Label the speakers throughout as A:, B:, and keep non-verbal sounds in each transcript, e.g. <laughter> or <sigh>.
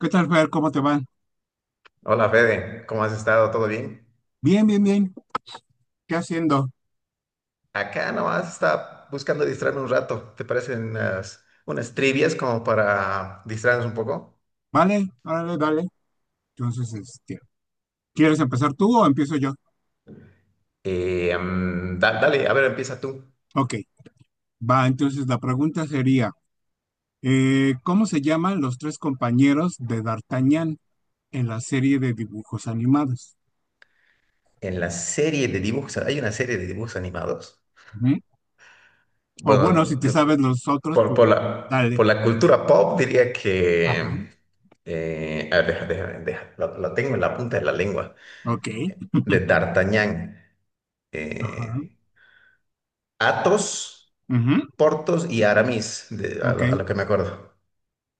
A: ¿Qué tal, Fer? ¿Cómo te van?
B: Hola Fede, ¿cómo has estado? ¿Todo bien?
A: Bien, bien, bien. ¿Qué haciendo?
B: Acá nomás estaba buscando distraerme un rato. ¿Te parecen unas trivias como para distraernos un poco?
A: Vale, dale, dale. Entonces, ¿quieres empezar tú o empiezo yo?
B: Dale, a ver, empieza tú.
A: Ok, va. Entonces, la pregunta sería, ¿cómo se llaman los tres compañeros de D'Artagnan en la serie de dibujos animados?
B: En la serie de dibujos, hay una serie de dibujos animados.
A: Ujú. O bueno, si
B: Bueno,
A: te sabes los otros,
B: por,
A: pues
B: por la,
A: dale.
B: por la cultura pop diría
A: Ajá.
B: que. A ver, deja, lo tengo en la punta de la lengua.
A: Ok.
B: De D'Artagnan. eh,
A: Ajá.
B: Athos,
A: Ujú.
B: Portos y Aramis, a
A: Ok,
B: lo, a lo que me acuerdo.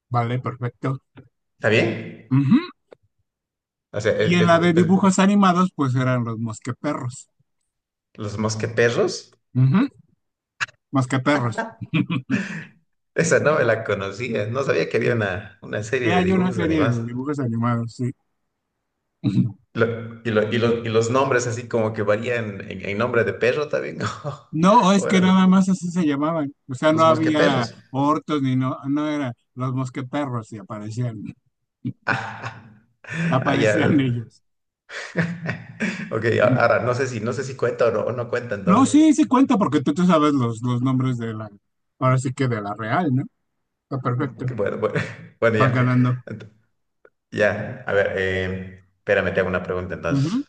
A: vale, perfecto.
B: ¿Está bien?
A: Ujú.
B: O sea,
A: Y en la de
B: pues,
A: dibujos animados, pues eran los mosqueperros.
B: los Mosqueperros,
A: Ujú, mosqueperros. <laughs>
B: <laughs> esa novela conocía, no sabía que
A: Sí.
B: había una serie de
A: Hay una
B: dibujos
A: serie
B: animados.
A: de dibujos animados, sí. <laughs>
B: Lo- y, lo-
A: Ok.
B: y lo- y los nombres así como que varían en nombre de perro también. <laughs>
A: No, es
B: O
A: que
B: eran los,
A: nada más así se llamaban. O sea, no
B: los
A: había
B: Mosqueperros. <laughs>
A: ortos ni no, no era los mosqueperros y aparecían, <laughs>
B: Ah, ah, ya.
A: aparecían
B: <laughs>
A: ellos.
B: Ok, ahora no sé si cuenta o no, cuenta
A: No,
B: entonces.
A: sí, sí cuenta porque tú sabes los nombres de la, ahora sí que de la real, ¿no? Está perfecto.
B: Bueno, bueno, <laughs> bueno,
A: Vas
B: ya.
A: ganando.
B: Ya, a ver, espérame, te hago una pregunta entonces.
A: Ujú.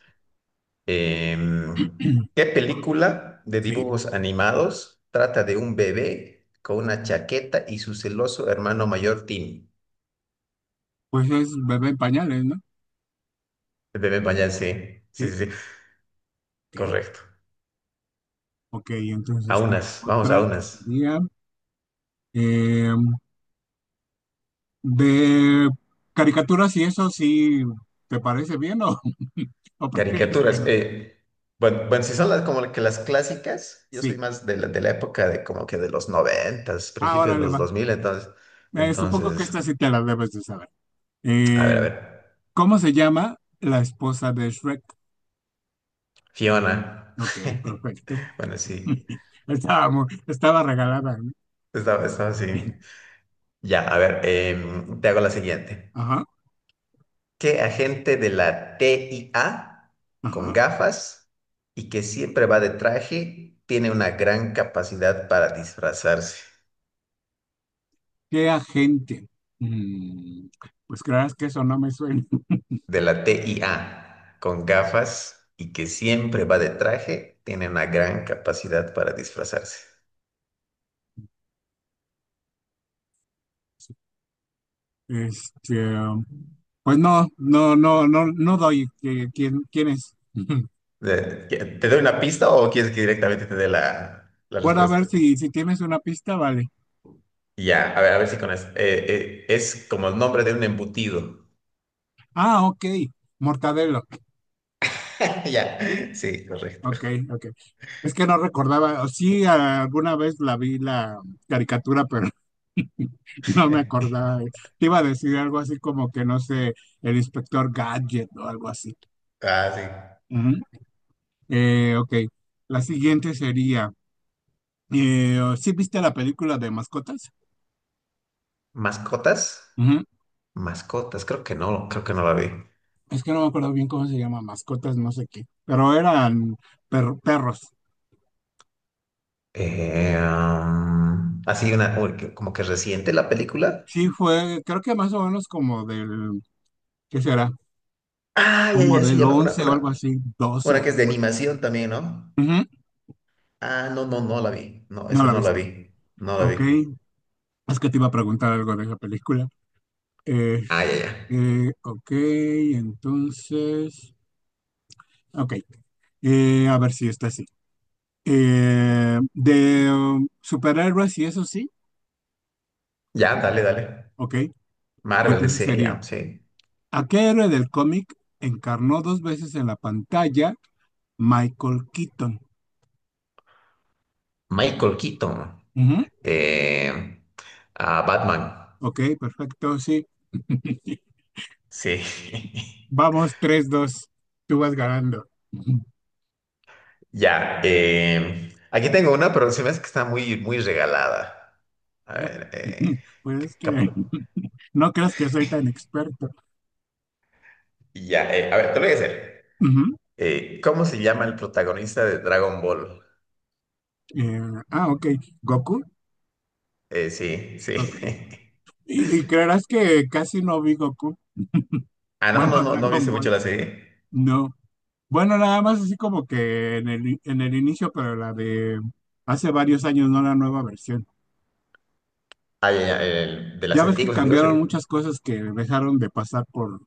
B: Em, ¿Qué
A: <clears throat>
B: película de
A: Sí,
B: dibujos animados trata de un bebé con una chaqueta y su celoso hermano mayor Timmy?
A: pues es bebé en pañales, ¿no?
B: El bebé Pañal, sí, sí,
A: Sí,
B: sí, sí,
A: ok.
B: correcto.
A: Ok, entonces tengo
B: Vamos a
A: otra que
B: unas.
A: sería, em, de caricaturas y eso sí, ¿te parece bien o, <laughs> o prefieres que
B: Caricaturas.
A: no?
B: Bueno, bueno, si son las, como que las clásicas, yo soy
A: Sí,
B: más de la época de como que de los noventas, principios
A: ahora
B: de
A: le
B: los
A: va.
B: 2000, entonces,
A: Supongo que
B: entonces,
A: esta sí te la debes de saber.
B: a ver, a
A: Eh,
B: ver.
A: ¿Cómo se llama la esposa de Shrek?
B: Fiona.
A: Ok,
B: <laughs>
A: perfecto.
B: Bueno, sí,
A: <laughs> Estaba, estaba regalada, ¿no?
B: estaba así. Ya, a ver, te hago la siguiente.
A: Ajá,
B: ¿Qué agente de la TIA con
A: ajá.
B: gafas y que siempre va de traje tiene una gran capacidad para disfrazarse?
A: ¿Qué agente? Mm, pues creas que eso no me suena. <laughs>
B: De la TIA con gafas y que siempre va de traje tiene una gran capacidad para disfrazarse.
A: Este, um, pues no, no, no, no, no doy quién, quién es. <laughs>
B: De- ¿Te doy una pista o quieres que directamente te dé la
A: Bueno, a
B: respuesta?
A: ver si, si tienes una pista, vale.
B: Ya, a ver si con eso. Eh, es como el nombre de un embutido.
A: Ah, ok. Mortadelo.
B: <laughs> Ya,
A: Sí,
B: sí, correcto.
A: ok, ok. Es que no recordaba, o sí, alguna vez la vi la caricatura, pero <laughs> no me acordaba.
B: <laughs>
A: Te iba a decir algo así como que, no sé, el inspector Gadget o algo así.
B: Ah, sí.
A: Ujú. Ok, la siguiente sería, oh, ¿sí viste la película de mascotas?
B: ¿Mascotas?
A: Ujú.
B: Mascotas, creo que no la vi.
A: Es que no me acuerdo bien cómo se llama, mascotas, no sé qué, pero eran perros.
B: Así una, uy, como que reciente la película.
A: Sí, fue, creo que más o menos como del, ¿qué será?
B: Ah, ya,
A: Como
B: ya, sí,
A: del
B: ya, una,
A: 11 o algo
B: una,
A: así,
B: una
A: doce.
B: que es de animación también, ¿no?
A: Ujú.
B: Ah, no, no, no la vi. No,
A: No
B: esa
A: la
B: no la
A: viste.
B: vi. No la vi.
A: Ok, es que te iba a preguntar algo de la película. Eh,
B: Ah, ya, ya.
A: ok, entonces, ok, a ver si está así. De superhéroes y eso sí,
B: Ya, dale, dale.
A: ok,
B: Marvel,
A: entonces
B: decía
A: sería,
B: ya, sí.
A: ¿a qué héroe del cómic encarnó dos veces en la pantalla Michael Keaton?
B: Michael Keaton.
A: Ujú.
B: eh, a Batman.
A: Ok, perfecto, sí. <laughs>
B: Sí. <laughs>
A: Vamos, tres dos. Tú vas ganando.
B: Ya. Aquí tengo una, pero se me hace que está muy, muy regalada. A ver.
A: <laughs> Pues es que
B: Cap-
A: no creas que soy tan experto.
B: ya. A ver, te lo voy a hacer.
A: Ujú.
B: ¿Cómo se llama el protagonista de Dragon Ball?
A: Eh, ah, ok. Goku.
B: Sí, sí.
A: Ok.
B: <laughs>
A: Y creerás que casi no vi Goku.
B: Ah, no,
A: Bueno,
B: no,
A: <laughs>
B: no, no viste
A: Dragon
B: mucho la
A: Ball.
B: serie.
A: No. Bueno, nada más así como que en el inicio, pero la de hace varios años, no la nueva versión.
B: Ah, ya, ya, de las
A: Ya ves que
B: antiguas, antiguas. Sí.
A: cambiaron muchas cosas que dejaron de pasar por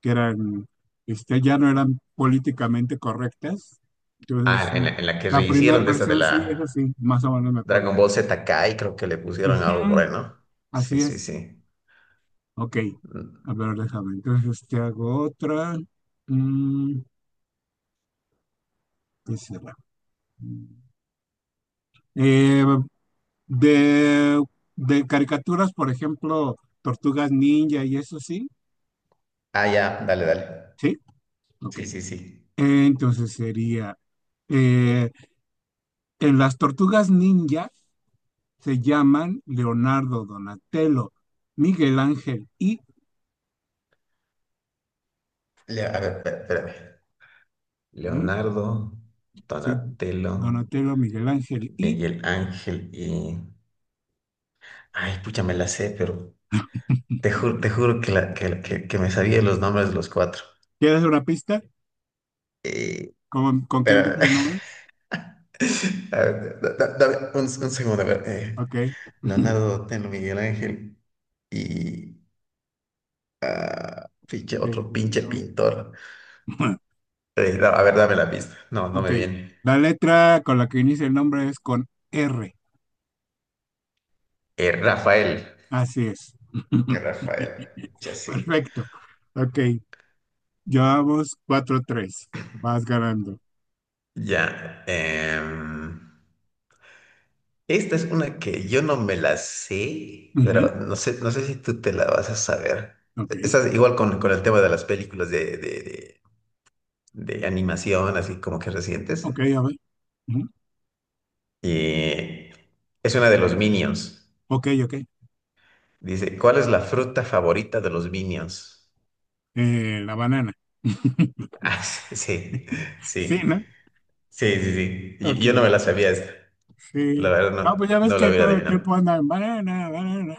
A: que eran, ya no eran políticamente correctas. Entonces,
B: Ah, en la, en la que
A: la primera
B: rehicieron de esta de
A: versión sí es
B: la
A: así, más o menos me
B: Dragon
A: acuerdo.
B: Ball Z Kai, creo que le pusieron algo por ahí,
A: Ujú,
B: ¿no? Sí,
A: así
B: sí,
A: es.
B: sí.
A: Ok. A ver, déjame. Entonces, te hago otra. Mm, ¿Qué será? Eh, de, de caricaturas, por ejemplo, Tortugas Ninja y eso sí.
B: Ah, ya, dale, dale.
A: Sí, ok.
B: Sí, sí, sí.
A: Entonces sería, eh, en las Tortugas Ninja se llaman Leonardo, Donatello, Miguel Ángel y,
B: A ver, espérame.
A: ¿no?
B: Leonardo,
A: Sí,
B: Donatello,
A: Donatello, Miguel Ángel y,
B: Miguel Ángel y... Ay, pucha, me la sé, pero te juro que me sabía los nombres de los cuatro.
A: ¿quieres una pista?
B: Eh,
A: Con qué
B: pero...
A: empieza el nombre?
B: <laughs> a ver, dame un segundo, a ver.
A: Ok. <laughs>
B: Leonardo, Donatello, Miguel Ángel y... ah, pinche,
A: Eh,
B: otro pinche
A: no.
B: pintor. A ver, dame la pista. No, no me
A: Ok.
B: viene.
A: La letra con la que inicia el nombre es con R.
B: Rafael.
A: Así es.
B: Rafael,
A: <laughs>
B: ya sí.
A: Perfecto. Ok. Llevamos cuatro tres. Vas ganando.
B: Ya. Esta es una que yo no me la sé, pero
A: Ujú.
B: no sé si tú te la vas a saber.
A: Ok.
B: Estás igual con el tema de las películas de animación, así como que recientes.
A: Ok, a ver. Ujú.
B: Y es una de los Minions.
A: Ok, ok.
B: Dice, ¿cuál es la fruta favorita de los Minions? <laughs>
A: La banana. <laughs>
B: Ah, sí, sí,
A: Sí,
B: sí,
A: ¿no?
B: sí, sí. Yo,
A: Ok,
B: yo no me la sabía esta. La
A: sí.
B: verdad
A: No,
B: no,
A: pues ya ves
B: no la
A: que
B: hubiera
A: todo el tiempo
B: adivinado.
A: andan banana, banana.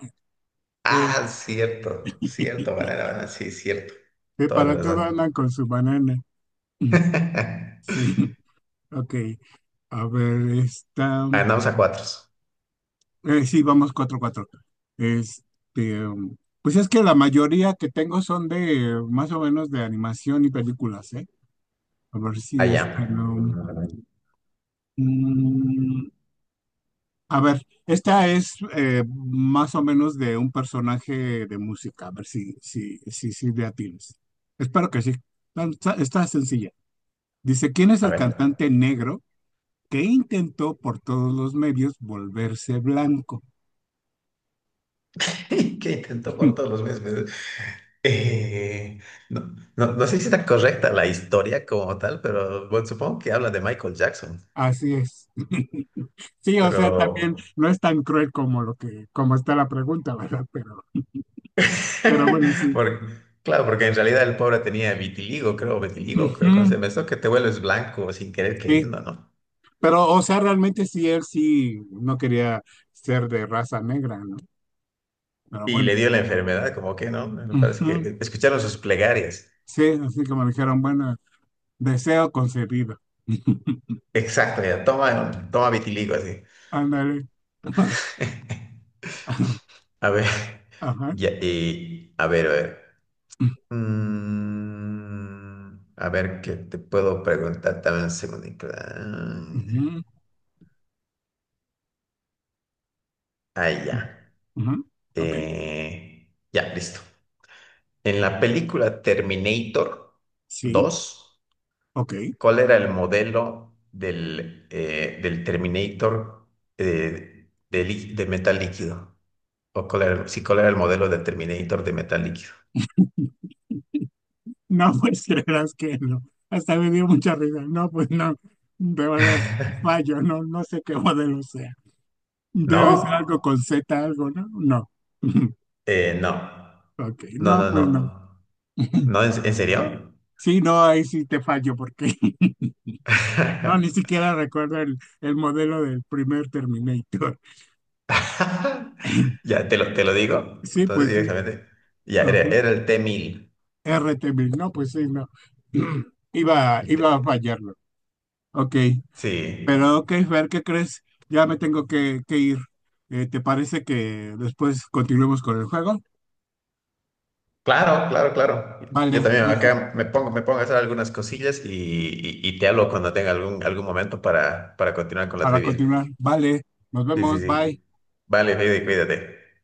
A: Sí,
B: Ah, cierto, cierto, banana,
A: <laughs>
B: banana, sí, cierto.
A: sí,
B: Toda la
A: para todo
B: razón.
A: andan con su banana. <clears throat> Mm, sí,
B: <laughs>
A: <laughs> ok. A ver, esta.
B: Ganamos a cuatro.
A: Sí, vamos cuatro cuatro. Este, um, pues es que la mayoría que tengo son de más o menos de animación y películas, ¿eh? A ver si
B: Allá.
A: esta no. Mm, a ver, esta es más o menos de un personaje de música. A ver si, si, si, si le atinas. Espero que sí. Está, está sencilla. Dice, ¿quién es
B: A
A: el
B: ver.
A: cantante negro que intentó por todos los medios volverse blanco?
B: <laughs> ¿Qué intento por todos los
A: <laughs>
B: meses? Eh, no, no, no sé si está correcta la historia como tal, pero bueno, supongo que habla de Michael Jackson.
A: Así es. <laughs> Sí, o
B: Pero.
A: sea, también no es tan cruel como lo que, como está la pregunta, ¿verdad? Pero bueno,
B: <laughs>
A: sí.
B: porque- claro, porque en realidad el pobre tenía vitiligo,
A: Ujú,
B: creo, ¿cómo se llama esto? Que te vuelves blanco sin querer
A: sí.
B: queriendo, ¿no?
A: Pero, o sea, realmente sí, él sí no quería ser de raza negra, ¿no? Pero
B: Y
A: bueno.
B: le dio la enfermedad, como que no, me parece
A: Ujú.
B: que escucharon sus plegarias.
A: Sí, así como dijeron, bueno, deseo concedido. <laughs>
B: Exacto, ya, toma, toma vitiligo así.
A: Ándale. <laughs>
B: <laughs> A ver,
A: Ajá.
B: ya, y, a ver, a ver. A ver, ¿qué te puedo preguntar también un segundito? Ah,
A: Ujú.
B: ahí ya.
A: Ujú. Ok,
B: Ya, listo. En la película Terminator
A: sí,
B: dos
A: ok.
B: ¿cuál era el modelo del Terminator, de metal líquido? ¿O sí, cuál era el modelo del Terminator de metal líquido?
A: No, <laughs> pues creerás que no. Hasta me dio mucha risa. No, pues no. De verdad,
B: <laughs>
A: fallo, no, no sé qué modelo sea. Debe ser algo
B: ¿No?
A: con Z, algo, ¿no? No. <laughs>
B: No.
A: Ok,
B: No,
A: no,
B: no,
A: pues no.
B: no.
A: <laughs>
B: ¿No? ¿En serio?
A: Sí, no, ahí sí te fallo porque <laughs> no, ni
B: <laughs>
A: siquiera recuerdo el modelo del primer Terminator. <clears throat> <laughs>
B: Ya, te lo digo.
A: Sí,
B: Entonces,
A: pues sí.
B: directamente. Ya,
A: Ajá.
B: era el T-1000.
A: RT Bill, no, pues sí, no. <clears throat>
B: El T-
A: Iba a fallarlo. Ok, pero
B: sí.
A: ok, Fer, ¿qué crees? Ya me tengo que ir. ¿Te parece que después continuemos con el juego?
B: Claro, claro, claro.
A: Vale,
B: Yo también
A: entonces,
B: acá me pongo a hacer algunas cosillas y te hablo cuando tenga algún momento para continuar con la
A: para
B: trivia.
A: continuar, vale, nos
B: Sí, sí,
A: vemos, bye.
B: sí. Vale, Heidi, cuídate.